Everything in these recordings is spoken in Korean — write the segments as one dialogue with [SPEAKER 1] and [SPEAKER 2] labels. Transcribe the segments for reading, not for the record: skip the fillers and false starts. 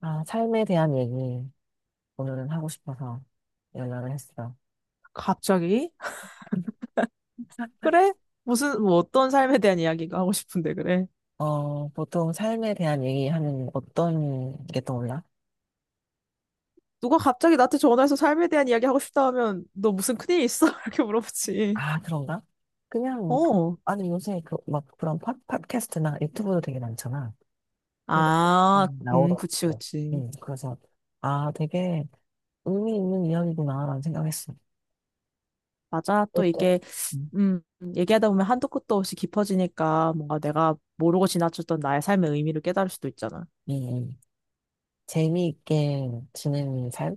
[SPEAKER 1] 아, 삶에 대한 얘기 오늘은 하고 싶어서 연락을 했어.
[SPEAKER 2] 갑자기? 그래? 무슨, 뭐 어떤 삶에 대한 이야기가 하고 싶은데, 그래?
[SPEAKER 1] 어, 보통 삶에 대한 얘기하면 어떤 게 떠올라?
[SPEAKER 2] 누가 갑자기 나한테 전화해서 삶에 대한 이야기 하고 싶다 하면, 너 무슨 큰일 있어? 이렇게 물어보지.
[SPEAKER 1] 아, 그런가? 그냥,
[SPEAKER 2] 어.
[SPEAKER 1] 아니, 요새 그, 막 그런 팟캐스트나 유튜브도 되게 많잖아. 근데
[SPEAKER 2] 아, 그치,
[SPEAKER 1] 나오더라고.
[SPEAKER 2] 그치.
[SPEAKER 1] 응, 그래서, 아, 되게 의미 있는 이야기구나라는 생각했어.
[SPEAKER 2] 맞아. 또
[SPEAKER 1] 어때?
[SPEAKER 2] 이게,
[SPEAKER 1] 음,
[SPEAKER 2] 음, 얘기하다 보면 한도 끝도 없이 깊어지니까 뭔가 내가 모르고 지나쳤던 나의 삶의 의미를 깨달을 수도 있잖아.
[SPEAKER 1] 음, 재미있게 지내는 삶?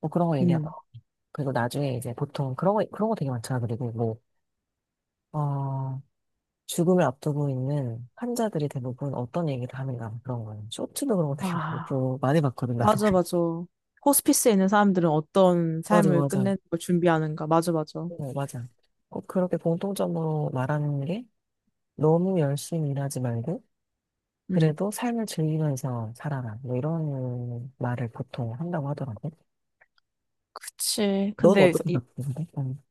[SPEAKER 1] 뭐 그런 거
[SPEAKER 2] 음.
[SPEAKER 1] 얘기하고. 그리고 나중에 이제 보통 그런 거 되게 많잖아. 그리고 뭐, 어, 죽음을 앞두고 있는 환자들이 대부분 어떤 얘기를 하는가 그런 거예요. 쇼츠도 그런 거 되게
[SPEAKER 2] 아,
[SPEAKER 1] 많고 많이 봤거든 나는.
[SPEAKER 2] 맞아, 맞아. 호스피스에 있는 사람들은 어떤
[SPEAKER 1] 맞아
[SPEAKER 2] 삶을
[SPEAKER 1] 맞아.
[SPEAKER 2] 끝내는 걸 준비하는가. 맞아, 맞아.
[SPEAKER 1] 어, 맞아. 꼭 그렇게 공통점으로 말하는 게 너무 열심히 일하지 말고
[SPEAKER 2] 음.
[SPEAKER 1] 그래도 삶을 즐기면서 살아라. 뭐 이런 말을 보통 한다고 하더라고.
[SPEAKER 2] 그치.
[SPEAKER 1] 넌 어떻게 바꾸는데?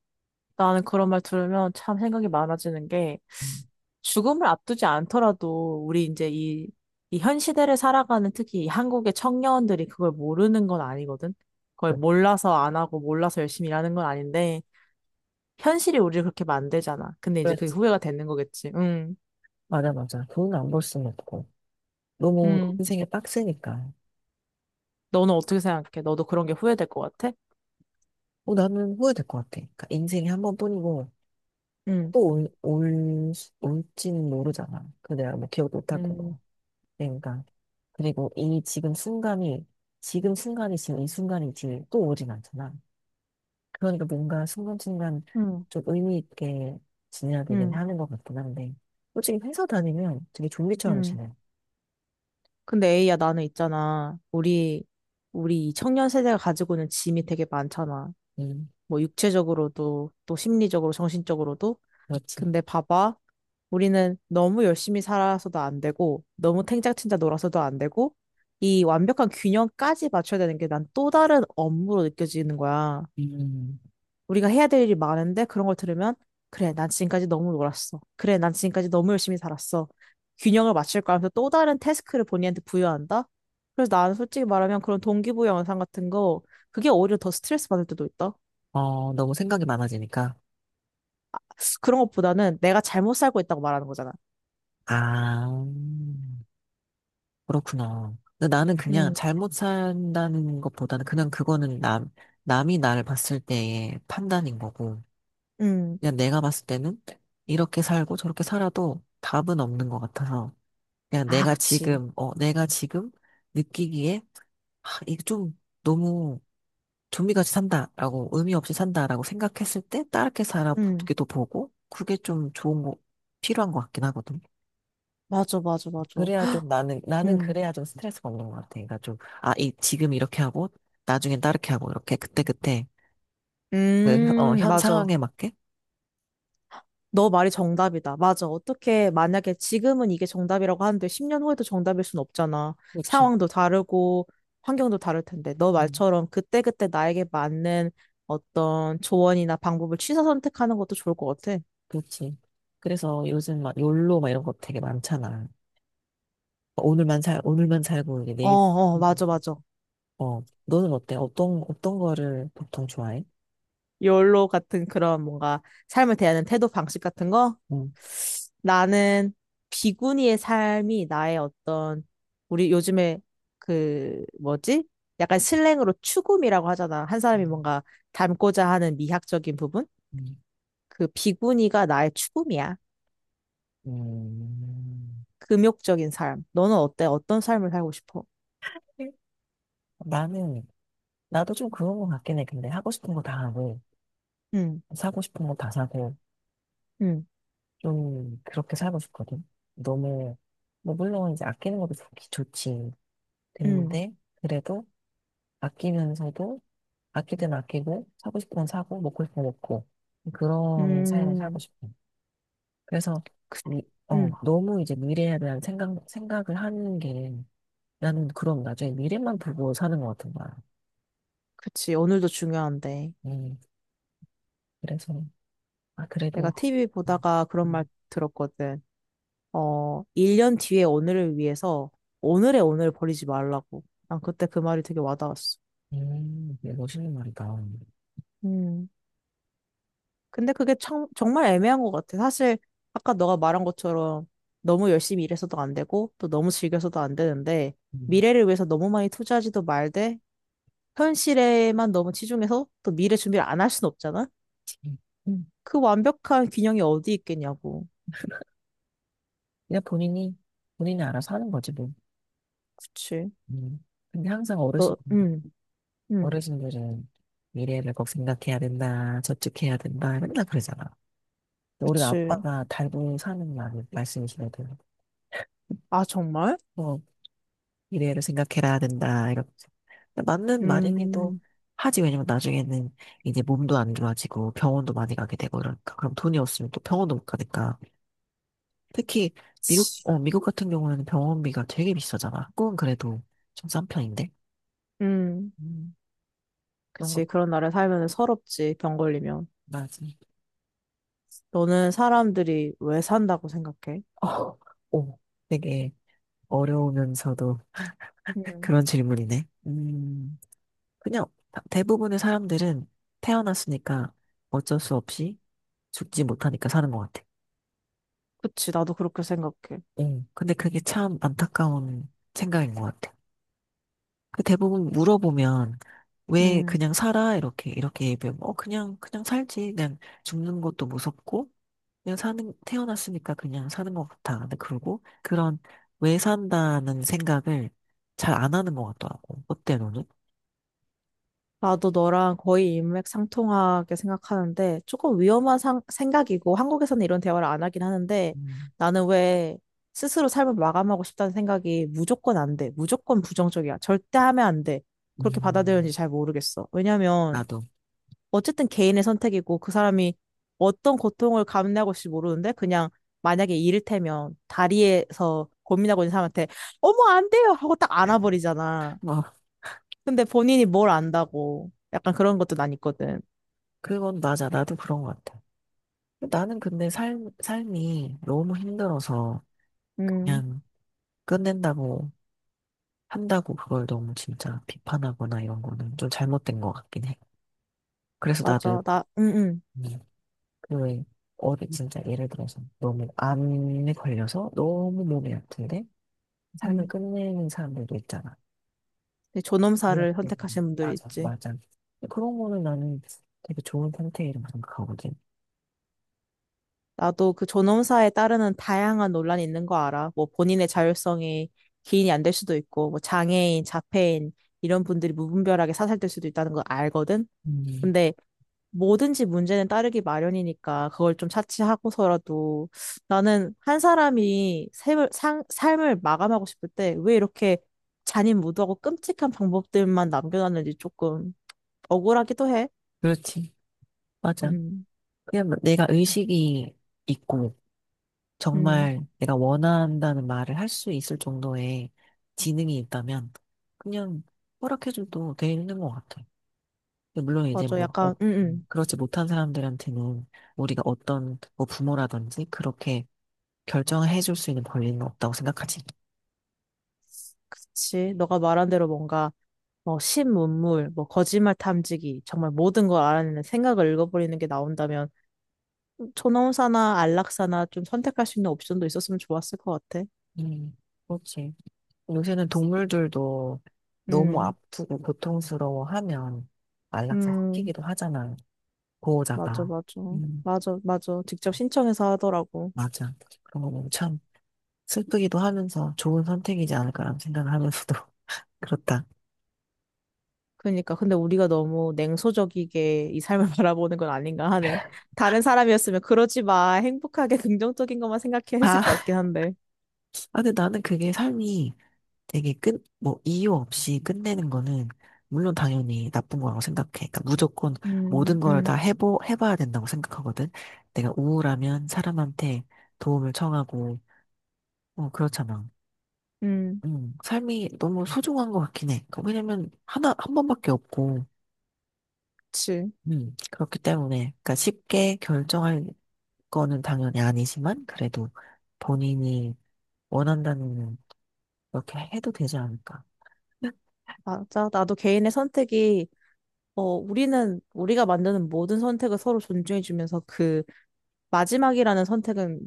[SPEAKER 2] 나는 그런 말 들으면 참 생각이 많아지는 게
[SPEAKER 1] 음.
[SPEAKER 2] 죽음을 앞두지 않더라도 우리 이제 이, 이 현 시대를 살아가는 특히 이 한국의 청년들이 그걸 모르는 건 아니거든. 그걸 몰라서 안 하고 몰라서 열심히 일하는 건 아닌데 현실이 우리를 그렇게 만들잖아. 근데
[SPEAKER 1] 그
[SPEAKER 2] 이제
[SPEAKER 1] 렇
[SPEAKER 2] 그게
[SPEAKER 1] 지
[SPEAKER 2] 후회가 되는 거겠지. 응,
[SPEAKER 1] 맞아. 돈 안 벌 수는 없고 너무
[SPEAKER 2] 응.
[SPEAKER 1] 인생이 빡세니까.
[SPEAKER 2] 너는 어떻게 생각해? 너도 그런 게 후회될 것 같아?
[SPEAKER 1] 어, 나는 후회될 것 같아. 그러니까 인생이 한 번뿐이고.
[SPEAKER 2] 응,
[SPEAKER 1] 또 올지는 모르잖아. 그 내가 뭐 기억도 못할
[SPEAKER 2] 응,
[SPEAKER 1] 거고. 그러니까. 그리고 이 지금 순간이, 지금 순간이 지금 이 순간이 지 또 오진 않잖아. 그러니까 뭔가 순간순간
[SPEAKER 2] 응,
[SPEAKER 1] 좀 의미 있게 지내야 되긴
[SPEAKER 2] 응,
[SPEAKER 1] 하는 것 같긴 한데. 솔직히 회사 다니면 되게 좀비처럼
[SPEAKER 2] 응.
[SPEAKER 1] 지내.
[SPEAKER 2] 근데 에이야 나는 있잖아. 우리 이 청년 세대가 가지고 있는 짐이 되게 많잖아.
[SPEAKER 1] 음,
[SPEAKER 2] 뭐 육체적으로도 또 심리적으로 정신적으로도.
[SPEAKER 1] 그렇지.
[SPEAKER 2] 근데 봐봐. 우리는 너무 열심히 살아서도 안 되고 너무 탱자탱자 놀아서도 안 되고 이 완벽한 균형까지 맞춰야 되는 게 난 또 다른 업무로 느껴지는 거야.
[SPEAKER 1] 음,
[SPEAKER 2] 우리가 해야 될 일이 많은데 그런 걸 들으면 그래, 난 지금까지 너무 놀았어. 그래, 난 지금까지 너무 열심히 살았어. 균형을 맞출 거야 하면서 또 다른 태스크를 본인한테 부여한다? 그래서 나는 솔직히 말하면 그런 동기부여 영상 같은 거 그게 오히려 더 스트레스 받을 때도 있다.
[SPEAKER 1] 어, 너무 생각이 많아지니까.
[SPEAKER 2] 그런 것보다는 내가 잘못 살고 있다고 말하는 거잖아.
[SPEAKER 1] 아, 그렇구나. 근데 나는 그냥
[SPEAKER 2] 음,
[SPEAKER 1] 잘못 산다는 것보다는 그냥 그거는 남이 나를 봤을 때의 판단인 거고,
[SPEAKER 2] 음.
[SPEAKER 1] 그냥 내가 봤을 때는 이렇게 살고 저렇게 살아도 답은 없는 것 같아서, 그냥
[SPEAKER 2] 아,
[SPEAKER 1] 내가
[SPEAKER 2] 그치.
[SPEAKER 1] 지금, 어, 내가 지금 느끼기에, 아, 이게 좀 너무 좀비같이 산다라고, 의미 없이 산다라고 생각했을 때, 다르게
[SPEAKER 2] 음,
[SPEAKER 1] 살아보기도 보고, 그게 좀 좋은 거, 필요한 것 같긴 하거든.
[SPEAKER 2] 맞아, 맞아, 맞아.
[SPEAKER 1] 그래야 나는
[SPEAKER 2] 음,
[SPEAKER 1] 그래야 좀 스트레스가 없는 것 같아. 그러니까 좀, 아, 이, 지금 이렇게 하고, 나중엔 다르게 하고, 이렇게 그때그때, 그, 어, 현
[SPEAKER 2] 맞아.
[SPEAKER 1] 상황에 맞게?
[SPEAKER 2] 너 말이 정답이다. 맞아. 어떻게, 만약에 지금은 이게 정답이라고 하는데 10년 후에도 정답일 순 없잖아.
[SPEAKER 1] 그렇지.
[SPEAKER 2] 상황도 다르고, 환경도 다를 텐데. 너
[SPEAKER 1] 음,
[SPEAKER 2] 말처럼 그때그때 나에게 맞는 어떤 조언이나 방법을 취사 선택하는 것도 좋을 것 같아.
[SPEAKER 1] 그렇지. 그래서 요즘 막, 욜로 막 이런 거 되게 많잖아. 오늘만 살고, 이게
[SPEAKER 2] 어,
[SPEAKER 1] 내일,
[SPEAKER 2] 어,
[SPEAKER 1] 음.
[SPEAKER 2] 맞아, 맞아.
[SPEAKER 1] 어, 너는 어때? 어떤 거를 보통 좋아해?
[SPEAKER 2] 욜로 같은 그런 뭔가 삶을 대하는 태도 방식 같은 거?
[SPEAKER 1] 음.
[SPEAKER 2] 나는 비구니의 삶이 나의 어떤 우리 요즘에 그 뭐지? 약간 슬랭으로 추구미라고 하잖아. 한 사람이
[SPEAKER 1] 음.
[SPEAKER 2] 뭔가 닮고자 하는 미학적인 부분? 그 비구니가 나의 추구미야.
[SPEAKER 1] 음.
[SPEAKER 2] 금욕적인 삶. 너는 어때? 어떤 삶을 살고 싶어?
[SPEAKER 1] 나는, 나도 좀 그런 것 같긴 해. 근데 하고 싶은 거 다 하고,
[SPEAKER 2] 응,
[SPEAKER 1] 사고 싶은 거 다 사고,
[SPEAKER 2] 응,
[SPEAKER 1] 좀 그렇게 살고 싶거든. 너무, 뭐, 물론 이제 아끼는 것도 좋지.
[SPEAKER 2] 응,
[SPEAKER 1] 됐는데, 그래도 아끼면서도, 아낄 땐 아끼고, 사고 싶은 건 사고, 먹고 싶은 건 먹고, 그런 삶을 살고
[SPEAKER 2] 음,
[SPEAKER 1] 싶어. 그래서,
[SPEAKER 2] 그,
[SPEAKER 1] 미, 어,
[SPEAKER 2] 응,
[SPEAKER 1] 너무 이제 미래에 대한 생각을 하는 게, 나는 그럼 나중에 미래만 보고 사는 것 같은 거야.
[SPEAKER 2] 그치. 오늘도 중요한데.
[SPEAKER 1] 음, 그래서, 아,
[SPEAKER 2] 내가
[SPEAKER 1] 그래도,
[SPEAKER 2] TV 보다가 그런 말
[SPEAKER 1] 음,
[SPEAKER 2] 들었거든. 어, 1년 뒤에 오늘을 위해서 오늘의 오늘을 버리지 말라고. 난 그때 그 말이 되게 와닿았어.
[SPEAKER 1] 되게 멋있는 말이다.
[SPEAKER 2] 음. 근데 그게 참, 정말 애매한 것 같아. 사실, 아까 너가 말한 것처럼 너무 열심히 일해서도 안 되고, 또 너무 즐겨서도 안 되는데, 미래를 위해서 너무 많이 투자하지도 말되, 현실에만 너무 치중해서 또 미래 준비를 안 할 순 없잖아?
[SPEAKER 1] 음. 음.
[SPEAKER 2] 그 완벽한 균형이 어디 있겠냐고.
[SPEAKER 1] 그냥 본인이 알아서 하는 거지, 뭐.
[SPEAKER 2] 그치.
[SPEAKER 1] 음. 근데 항상
[SPEAKER 2] 너, 음,
[SPEAKER 1] 어르신들은 미래를 꼭 생각해야 된다, 저축해야 된다, 맨날 그러잖아. 근데 우리
[SPEAKER 2] 그치.
[SPEAKER 1] 아빠가 달고 사는 말씀이시거든.
[SPEAKER 2] 아, 정말?
[SPEAKER 1] 뭐, 미래를 생각해야 된다, 이렇게. 근데 맞는 말이기도
[SPEAKER 2] 음,
[SPEAKER 1] 하지, 왜냐면 나중에는 이제 몸도 안 좋아지고 병원도 많이 가게 되고 그러니까. 그럼 돈이 없으면 또 병원도 못 가니까. 특히
[SPEAKER 2] 그치.
[SPEAKER 1] 미국 같은 경우에는 병원비가 되게 비싸잖아. 한국은 그래도 좀 싼 편인데.
[SPEAKER 2] 음.
[SPEAKER 1] 음, 그런 것,
[SPEAKER 2] 그치. 그런 나라에 살면 서럽지, 병 걸리면.
[SPEAKER 1] 맞아.
[SPEAKER 2] 너는 사람들이 왜 산다고 생각해?
[SPEAKER 1] 어, 오, 되게 어려우면서도
[SPEAKER 2] 음.
[SPEAKER 1] 그런 질문이네. 그냥 대부분의 사람들은 태어났으니까 어쩔 수 없이 죽지 못하니까 사는 것 같아.
[SPEAKER 2] 그치. 나도 그렇게 생각해.
[SPEAKER 1] 응. 근데 그게 참 안타까운 생각인 것 같아. 그 대부분 물어보면 왜
[SPEAKER 2] 음.
[SPEAKER 1] 그냥 살아? 이렇게 이렇게 얘기하면 어 그냥 살지. 그냥 죽는 것도 무섭고 그냥 사는 태어났으니까 그냥 사는 것 같아. 근데 그러고 그런 왜 산다는 생각을 잘 안 하는 것 같더라고. 그때로는
[SPEAKER 2] 나도 너랑 거의 인맥상통하게 생각하는데, 조금 위험한 생각이고, 한국에서는 이런 대화를 안 하긴 하는데,
[SPEAKER 1] 음,
[SPEAKER 2] 나는 왜 스스로 삶을 마감하고 싶다는 생각이 무조건 안 돼. 무조건 부정적이야. 절대 하면 안 돼. 그렇게
[SPEAKER 1] 음,
[SPEAKER 2] 받아들였는지 잘 모르겠어. 왜냐면,
[SPEAKER 1] 나도
[SPEAKER 2] 어쨌든 개인의 선택이고 그 사람이 어떤 고통을 감내하고 있을지 모르는데 그냥 만약에 이를테면 다리에서 고민하고 있는 사람한테 어머 안 돼요 하고 딱 안아버리잖아.
[SPEAKER 1] 뭐
[SPEAKER 2] 근데 본인이 뭘 안다고 약간 그런 것도 난 있거든.
[SPEAKER 1] 그건 맞아. 나도 그런 것 같아. 나는 근데 삶 삶이 너무 힘들어서
[SPEAKER 2] 음,
[SPEAKER 1] 그냥 끝낸다고 한다고 그걸 너무 진짜 비판하거나 이런 거는 좀 잘못된 것 같긴 해. 그래서 나도
[SPEAKER 2] 맞아. 나 응응.
[SPEAKER 1] 음, 그왜 어디 진짜 예를 들어서 너무 암에 걸려서 너무 몸이 아픈데 삶을
[SPEAKER 2] 음,
[SPEAKER 1] 끝내는 사람들도 있잖아.
[SPEAKER 2] 근데 존엄사를
[SPEAKER 1] 의학적으로.
[SPEAKER 2] 선택하시는 분들이
[SPEAKER 1] 맞아,
[SPEAKER 2] 있지.
[SPEAKER 1] 맞아. 근데 그런 거는 나는 되게 좋은 선택이라고 생각하거든.
[SPEAKER 2] 나도 그 존엄사에 따르는 다양한 논란이 있는 거 알아. 뭐 본인의 자율성이 기인이 안 될 수도 있고, 뭐 장애인, 자폐인 이런 분들이 무분별하게 사살될 수도 있다는 거 알거든.
[SPEAKER 1] 음,
[SPEAKER 2] 근데 뭐든지 문제는 따르기 마련이니까 그걸 좀 차치하고서라도 나는 한 사람이 삶을 마감하고 싶을 때 왜 이렇게 잔인무도하고 끔찍한 방법들만 남겨놨는지 조금 억울하기도 해.
[SPEAKER 1] 그렇지. 맞아.
[SPEAKER 2] 음,
[SPEAKER 1] 그냥 내가 의식이 있고
[SPEAKER 2] 음,
[SPEAKER 1] 정말 내가 원한다는 말을 할 수 있을 정도의 지능이 있다면 그냥 허락해줘도 되는 것 같아. 물론 이제
[SPEAKER 2] 맞아.
[SPEAKER 1] 뭐 어,
[SPEAKER 2] 약간,
[SPEAKER 1] 그렇지 못한 사람들한테는 우리가 어떤 뭐 부모라든지 그렇게 결정을 해줄 수 있는 권리는 없다고 생각하지.
[SPEAKER 2] 그치. 너가 말한 대로 뭔가 뭐 신문물, 뭐 거짓말 탐지기, 정말 모든 걸 알아내는 생각을 읽어버리는 게 나온다면 초노운사나 안락사나 좀 선택할 수 있는 옵션도 있었으면 좋았을 것 같아.
[SPEAKER 1] 음, 그렇지. 요새는 동물들도 너무
[SPEAKER 2] 음.
[SPEAKER 1] 아프고 고통스러워하면 안락사
[SPEAKER 2] 음,
[SPEAKER 1] 시키기도 하잖아.
[SPEAKER 2] 맞아,
[SPEAKER 1] 보호자가.
[SPEAKER 2] 맞아.
[SPEAKER 1] 음.
[SPEAKER 2] 맞아, 맞아. 직접 신청해서 하더라고.
[SPEAKER 1] 맞아. 그런 거 보면 참 슬프기도 하면서 좋은 선택이지 않을까라는 생각을 하면서도 그렇다.
[SPEAKER 2] 그러니까. 근데 우리가 너무 냉소적이게 이 삶을 바라보는 건 아닌가 하네. 다른 사람이었으면 그러지 마. 행복하게 긍정적인 것만 생각해 했을 것
[SPEAKER 1] 아,
[SPEAKER 2] 같긴 한데.
[SPEAKER 1] 아, 근데 나는 그게 삶이 되게 끝, 뭐, 이유 없이 끝내는 거는, 물론 당연히 나쁜 거라고 생각해. 그러니까 무조건 모든
[SPEAKER 2] 음,
[SPEAKER 1] 걸 다
[SPEAKER 2] 음,
[SPEAKER 1] 해봐야 된다고 생각하거든. 내가 우울하면 사람한테 도움을 청하고, 어, 그렇잖아.
[SPEAKER 2] 음.
[SPEAKER 1] 삶이 너무 소중한 것 같긴 해. 그 왜냐면, 한 번밖에 없고,
[SPEAKER 2] 그치.
[SPEAKER 1] 그렇기 때문에, 그러니까 쉽게 결정할 거는 당연히 아니지만, 그래도 본인이 원한다면, 그렇게 해도 되지 않을까.
[SPEAKER 2] 맞아. 나도 개인의 선택이, 어, 우리는, 우리가 만드는 모든 선택을 서로 존중해주면서 그 마지막이라는 선택은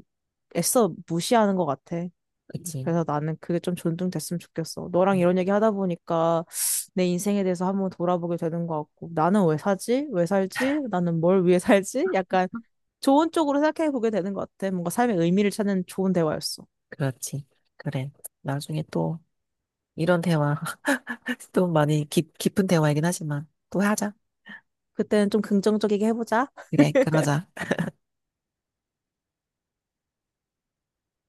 [SPEAKER 2] 애써 무시하는 것 같아.
[SPEAKER 1] 그치?
[SPEAKER 2] 그래서 나는 그게 좀 존중됐으면 좋겠어. 너랑 이런 얘기 하다 보니까 내 인생에 대해서 한번 돌아보게 되는 것 같고, 나는 왜 사지? 왜 살지? 나는 뭘 위해 살지? 약간 좋은 쪽으로 생각해 보게 되는 것 같아. 뭔가 삶의 의미를 찾는 좋은 대화였어.
[SPEAKER 1] 그렇지. 그래. 나중에 또 이런 대화, 또 많이 깊은 대화이긴 하지만 또 하자.
[SPEAKER 2] 그때는 좀 긍정적이게 해보자.
[SPEAKER 1] 그래, 그러자.